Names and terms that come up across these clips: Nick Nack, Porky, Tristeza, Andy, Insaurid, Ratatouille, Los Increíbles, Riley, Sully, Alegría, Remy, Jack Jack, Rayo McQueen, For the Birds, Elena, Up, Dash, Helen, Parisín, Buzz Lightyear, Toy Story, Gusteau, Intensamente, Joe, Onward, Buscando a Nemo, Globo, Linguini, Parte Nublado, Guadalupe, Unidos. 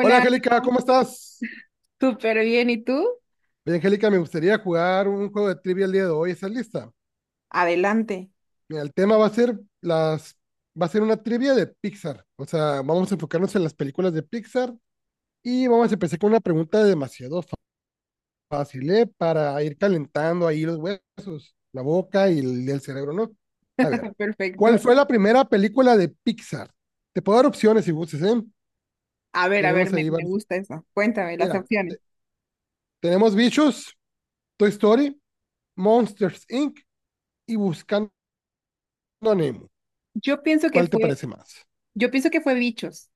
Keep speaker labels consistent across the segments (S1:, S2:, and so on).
S1: Hola
S2: Ale,
S1: Angélica,
S2: ¿cómo?
S1: ¿cómo estás?
S2: Súper bien, ¿y tú?
S1: Bien, Angélica, me gustaría jugar un juego de trivia el día de hoy. ¿Estás lista?
S2: Adelante.
S1: Mira, el tema va a ser las, va a ser una trivia de Pixar. O sea, vamos a enfocarnos en las películas de Pixar y vamos a empezar con una pregunta fácil, ¿eh? Para ir calentando ahí los huesos, la boca y el cerebro, ¿no? A ver, ¿cuál
S2: Perfecto.
S1: fue la primera película de Pixar? Te puedo dar opciones si gustes, ¿eh?
S2: A ver,
S1: Tenemos
S2: me,
S1: ahí
S2: me
S1: varias.
S2: gusta eso. Cuéntame las
S1: Mira,
S2: opciones.
S1: te- Tenemos Bichos, Toy Story, Monsters Inc. y Buscando a Nemo.
S2: Yo pienso que
S1: ¿Cuál te
S2: fue,
S1: parece más?
S2: yo pienso que fue bichos.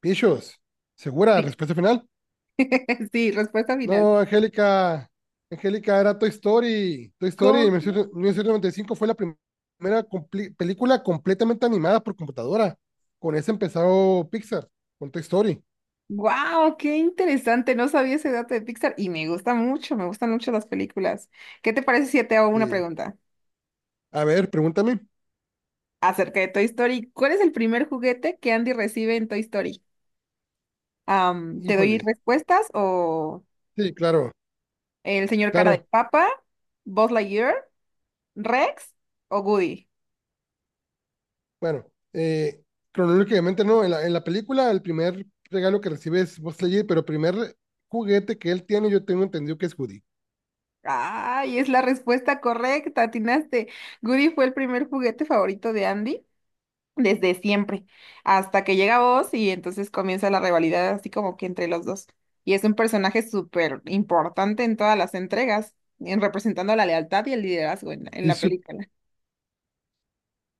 S1: Pichos, ¿segura?
S2: Sí,
S1: ¿Respuesta final?
S2: sí, respuesta final.
S1: No, Angélica. Angélica, era Toy Story. Toy Story
S2: Con...
S1: en 1995 fue primera película completamente animada por computadora. Con esa empezó Pixar, con Toy Story.
S2: ¡Wow! ¡Qué interesante! No sabía ese dato de Pixar y me gusta mucho, me gustan mucho las películas. ¿Qué te parece si te hago una
S1: Sí.
S2: pregunta
S1: A ver, pregúntame.
S2: acerca de Toy Story? ¿Cuál es el primer juguete que Andy recibe en Toy Story? ¿Te doy
S1: Híjole.
S2: respuestas? O
S1: Sí, claro,
S2: ¿el señor cara de
S1: claro.
S2: papa, Buzz Lightyear, Rex o Goody?
S1: Bueno, eh, cronológicamente no. En la película, el primer regalo que recibe es Buzz Lightyear, pero el primer juguete que él tiene, yo tengo entendido que es Woody.
S2: Ay, es la respuesta correcta, atinaste. Goody fue el primer juguete favorito de Andy desde siempre, hasta que llega Buzz y entonces comienza la rivalidad así como que entre los dos. Y es un personaje súper importante en todas las entregas, en representando la lealtad y el liderazgo en la, en
S1: Y,
S2: la
S1: sup-
S2: película.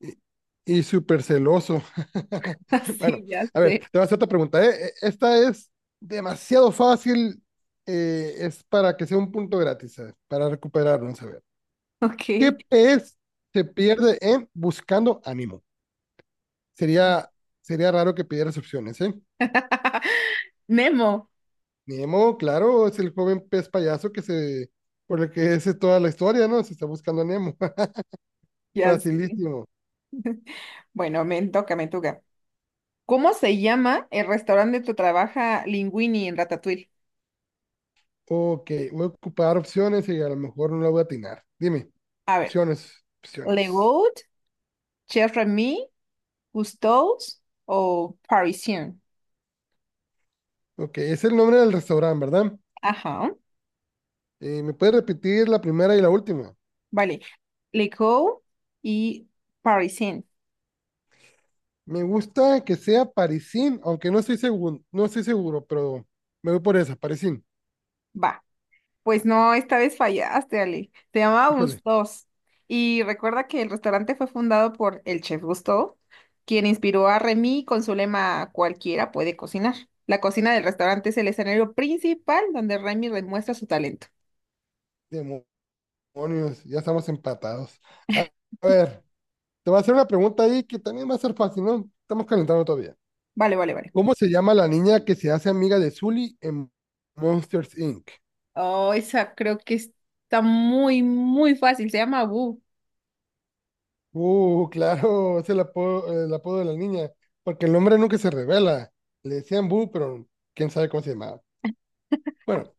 S1: y, y súper celoso. Bueno,
S2: Así ya
S1: a ver, te
S2: sé.
S1: voy a hacer otra pregunta, ¿eh? Esta es demasiado fácil, es para que sea un punto gratis, a ver, para recuperarnos, a ver.
S2: Ok.
S1: ¿Qué pez se pierde en buscando a Nemo? Sería, sería raro que pidieras opciones, ¿eh?
S2: Nemo.
S1: Nemo, claro, es el joven pez payaso por el que es toda la historia, ¿no? Se está buscando a Nemo.
S2: Ya sé.
S1: Facilísimo.
S2: Bueno, me toca, me toca. ¿Cómo se llama el restaurante donde trabaja Linguini en Ratatouille?
S1: Ok, voy a ocupar opciones y a lo mejor no la voy a atinar. Dime.
S2: A ver,
S1: Opciones,
S2: Le
S1: opciones.
S2: Goat, Chef Remy, Cousteau's o Parisien.
S1: Ok, es el nombre del restaurante, ¿verdad?
S2: Ajá,
S1: ¿Me puedes repetir la primera y la última?
S2: vale. Le Goat y Parisien.
S1: Me gusta que sea Parisín, aunque no estoy seguro, pero me voy por esa, Parisín.
S2: Va. Pues no, esta vez fallaste, Ale. Se llamaba
S1: Híjole,
S2: Gustos. Y recuerda que el restaurante fue fundado por el chef Gusteau, quien inspiró a Remy con su lema "Cualquiera puede cocinar". La cocina del restaurante es el escenario principal donde Remy demuestra su talento.
S1: demonios, ya estamos empatados. A a ver, te voy a hacer una pregunta ahí que también va a ser fácil, ¿no? Estamos calentando todavía.
S2: Vale, vale, vale.
S1: ¿Cómo se llama la niña que se hace amiga de Sully en Monsters Inc.?
S2: Oh, esa creo que está muy, muy fácil. Se llama Boo.
S1: Claro, es el apodo de la niña, porque el nombre nunca se revela. Le decían Bu, pero quién sabe cómo se llamaba. Bueno,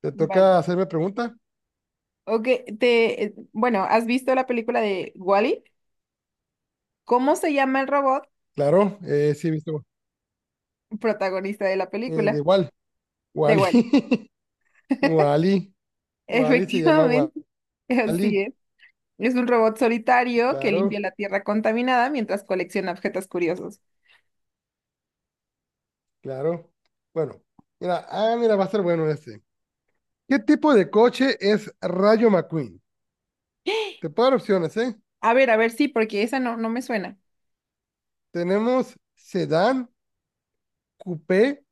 S1: ¿te
S2: Vale.
S1: toca hacerme pregunta?
S2: Ok, bueno, ¿has visto la película de Wall-E? ¿Cómo se llama el robot
S1: Claro, sí, he visto.
S2: protagonista de la
S1: De
S2: película
S1: Wal,
S2: de
S1: Wally,
S2: Wall-E?
S1: Wally, Wally se llama
S2: Efectivamente, así
S1: Wally,
S2: es. Es un robot solitario que limpia
S1: claro,
S2: la tierra contaminada mientras colecciona objetos curiosos.
S1: claro. Bueno, mira, va a ser bueno este. ¿Qué tipo de coche es Rayo McQueen? Te puedo dar opciones, ¿eh?
S2: A ver, sí, porque esa no, no me suena.
S1: Tenemos sedán, coupé,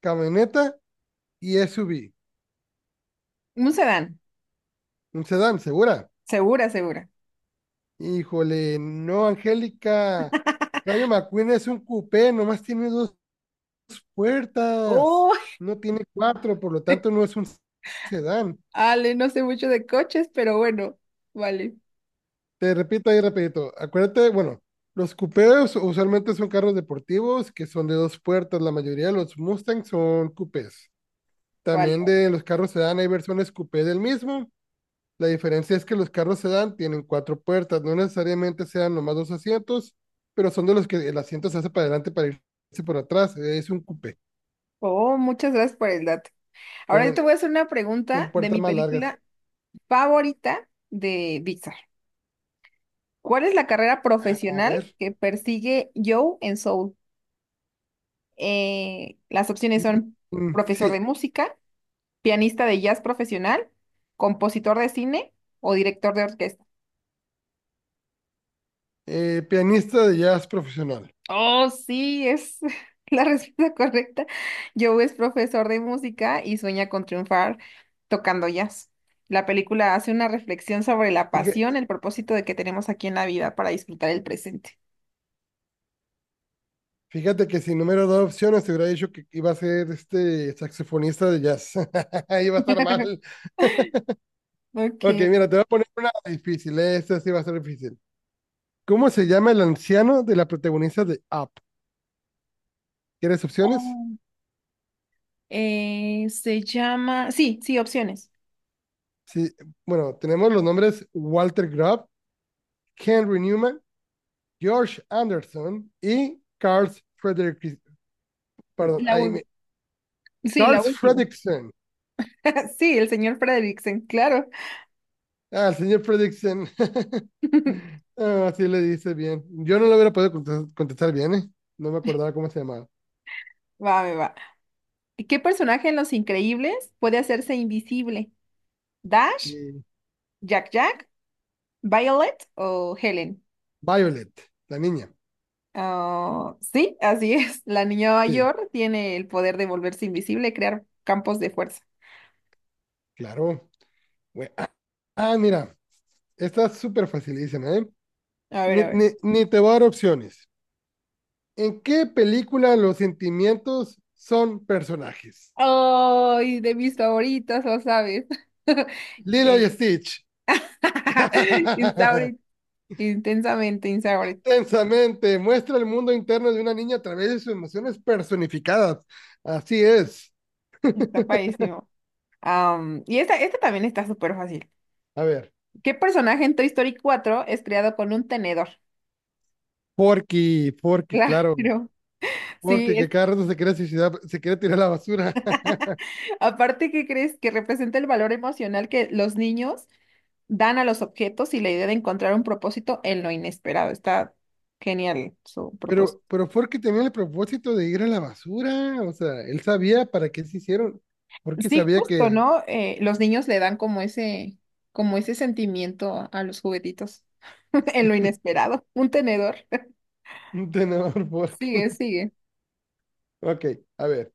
S1: camioneta y SUV.
S2: Un sedán,
S1: Un sedán, ¿segura?
S2: segura, segura.
S1: Híjole, no, Angélica. Rayo McQueen es un coupé, nomás tiene dos puertas.
S2: Oh,
S1: No tiene cuatro, por lo tanto no es un sedán.
S2: Ale, no sé mucho de coches, pero bueno, vale,
S1: Te repito ahí rapidito. Acuérdate, bueno, los coupés usualmente son carros deportivos que son de dos puertas. La mayoría de los Mustangs son coupés.
S2: vale.
S1: También de los carros sedán hay versiones coupé del mismo. La diferencia es que los carros sedán tienen cuatro puertas, no necesariamente sean nomás dos asientos, pero son de los que el asiento se hace para adelante para irse por atrás. Es un coupé.
S2: Oh, muchas gracias por el dato. Ahora yo
S1: Son,
S2: te voy a hacer una
S1: son
S2: pregunta de
S1: puertas
S2: mi
S1: más largas.
S2: película favorita de Pixar. ¿Cuál es la carrera
S1: A
S2: profesional
S1: ver.
S2: que persigue Joe en Soul? Las opciones
S1: Y,
S2: son profesor
S1: sí,
S2: de música, pianista de jazz profesional, compositor de cine o director de orquesta.
S1: pianista de jazz profesional.
S2: Oh, sí, es la respuesta correcta. Joe es profesor de música y sueña con triunfar tocando jazz. La película hace una reflexión sobre la pasión,
S1: Fíjate,
S2: el propósito de que tenemos aquí en la vida para disfrutar el presente.
S1: fíjate que sin número dos opciones te hubiera dicho que iba a ser este saxofonista de jazz. Iba a estar mal. Ok,
S2: Ok.
S1: mira, te voy a poner una difícil. Esta sí va a ser difícil. ¿Cómo se llama el anciano de la protagonista de Up? ¿Quieres opciones?
S2: Oh, se llama. Sí, sí, opciones.
S1: Sí, bueno, tenemos los nombres Walter Grubb, Henry Newman, George Anderson y Carl Fredrick, perdón,
S2: La, ul- sí,
S1: Carl
S2: la última.
S1: Fredrickson.
S2: Sí, el señor Fredricksen, claro.
S1: Ah, el señor Fredrickson. Ah, así le dice bien. Yo no lo hubiera podido contestar bien, ¿eh? No me acordaba cómo se llamaba.
S2: Va, me va. ¿Qué personaje en Los Increíbles puede hacerse invisible? ¿Dash?
S1: Y
S2: ¿Jack Jack? ¿Violet o Helen?
S1: Violet, la niña.
S2: Ah, sí, así es. La niña
S1: Sí,
S2: mayor tiene el poder de volverse invisible y crear campos de fuerza.
S1: claro. Güey, mira, esta es súper facilísima, ¿eh?
S2: A ver,
S1: Ni,
S2: a ver.
S1: ni, ni te voy a dar opciones. ¿En qué película los sentimientos son personajes?
S2: Ay, de mis favoritas, lo sabes.
S1: Lilo y
S2: Eh,
S1: Stitch.
S2: Insaurid, intensamente Insaurid.
S1: Tensamente muestra el mundo interno de una niña a través de sus emociones personificadas. Así es.
S2: Está padrísimo. Y esta también está súper fácil.
S1: A ver,
S2: ¿Qué personaje en Toy Story 4 es creado con un tenedor?
S1: Porky,
S2: Claro,
S1: claro. Porky,
S2: sí,
S1: que
S2: es.
S1: cada rato se quiere suicidar, se quiere tirar a la basura.
S2: Aparte, ¿qué crees? Que representa el valor emocional que los niños dan a los objetos y la idea de encontrar un propósito en lo inesperado. Está genial su propósito.
S1: Pero Porky tenía el propósito de ir a la basura. O sea, él sabía para qué se hicieron. Porky
S2: Sí,
S1: sabía
S2: justo,
S1: que...
S2: ¿no? Los niños le dan como ese sentimiento a los juguetitos en lo inesperado. Un tenedor.
S1: Tenedor Porky.
S2: Sigue, sigue.
S1: Ok, a ver.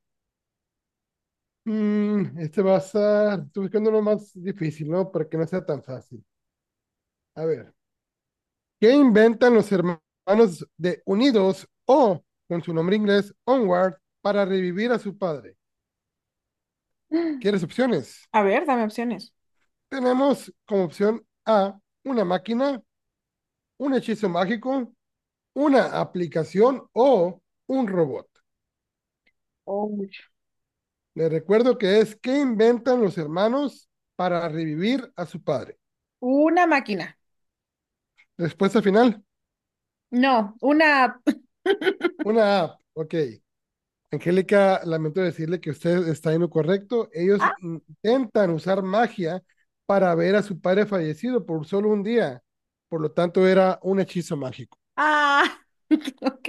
S1: Estoy buscando uno más difícil, ¿no? Para que no sea tan fácil. A ver, ¿qué inventan los hermanos de Unidos o, con su nombre inglés, Onward, para revivir a su padre? ¿Quieres opciones?
S2: A ver, dame opciones.
S1: Tenemos como opción A, una máquina, un hechizo mágico, una aplicación o un robot.
S2: Uy,
S1: Les recuerdo que es, ¿qué inventan los hermanos para revivir a su padre?
S2: una máquina.
S1: Respuesta final,
S2: No, una.
S1: una app, ok. Angélica, lamento decirle que usted está en lo correcto. Ellos
S2: Ah,
S1: intentan usar magia para ver a su padre fallecido por solo un día. Por lo tanto, era un hechizo mágico.
S2: ah, ok.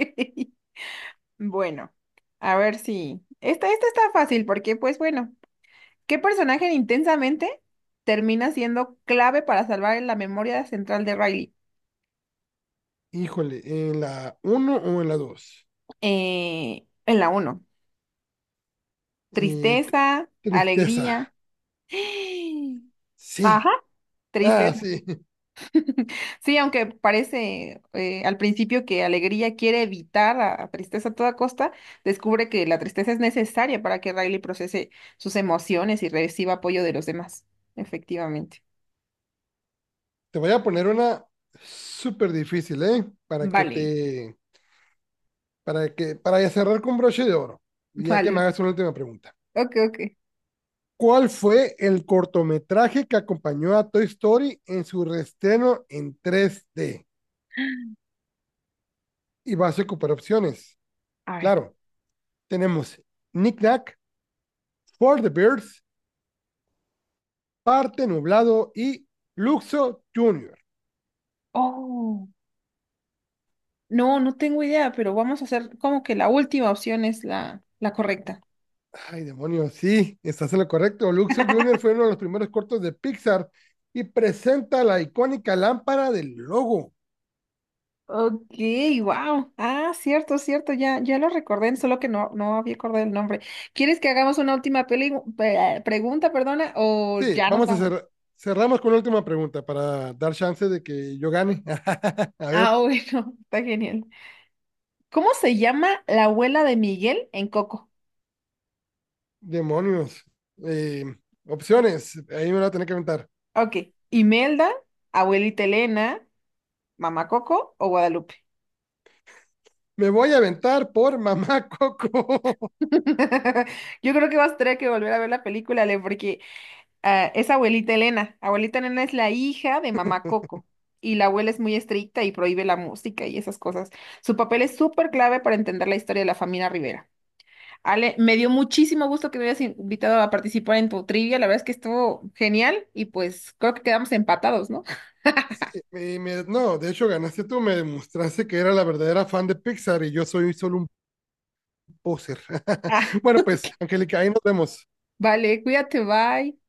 S2: Bueno, a ver si. Esta está fácil porque, pues bueno. ¿Qué personaje de intensamente termina siendo clave para salvar la memoria central de Riley?
S1: Híjole, ¿en la uno o en la 2?
S2: ¿En la uno? Tristeza,
S1: Tristeza.
S2: alegría.
S1: Sí.
S2: Ajá,
S1: Ah,
S2: tristeza.
S1: sí.
S2: Sí, aunque parece al principio que Alegría quiere evitar a Tristeza a toda costa, descubre que la tristeza es necesaria para que Riley procese sus emociones y reciba apoyo de los demás. Efectivamente.
S1: Te voy a poner una súper difícil, ¿eh?
S2: Vale,
S1: Para que, para cerrar con broche de oro, ya que me
S2: vale.
S1: hagas una última pregunta.
S2: Ok, ok.
S1: ¿Cuál fue el cortometraje que acompañó a Toy Story en su reestreno en 3D? Y vas a ocupar opciones.
S2: A ver.
S1: Claro, tenemos Nick Nack, For the Birds, Parte Nublado y Luxo Junior.
S2: Oh. No, no tengo idea, pero vamos a hacer como que la última opción es la correcta.
S1: Ay, demonios, sí, estás en lo correcto. Luxo Junior fue uno de los primeros cortos de Pixar y presenta la icónica lámpara del logo.
S2: Ok, wow. Ah, cierto, cierto, ya, ya lo recordé, solo que no, no había acordado el nombre. ¿Quieres que hagamos una última pregunta, perdona, o
S1: Sí,
S2: ya nos
S1: vamos a
S2: vamos?
S1: cerrar. Cerramos con la última pregunta para dar chance de que yo gane. A ver.
S2: Ah, bueno, está genial. ¿Cómo se llama la abuela de Miguel en Coco?
S1: Demonios. Eh, opciones. Ahí me voy a tener que aventar.
S2: Ok, Imelda, abuelita Elena, mamá Coco o Guadalupe.
S1: Me voy a aventar por Mamá Coco.
S2: Yo creo que vas a tener que volver a ver la película, Ale, porque ah, es abuelita Elena. Abuelita Elena es la hija de mamá Coco. Y la abuela es muy estricta y prohíbe la música y esas cosas. Su papel es súper clave para entender la historia de la familia Rivera. Ale, me dio muchísimo gusto que me hayas invitado a participar en tu trivia. La verdad es que estuvo genial y pues creo que quedamos empatados, ¿no?
S1: Sí, no, de hecho ganaste tú, me demostraste que era la verdadera fan de Pixar y yo soy solo un poser.
S2: Ah,
S1: Bueno, pues, Angélica, ahí nos vemos.
S2: vale, cuídate, bye.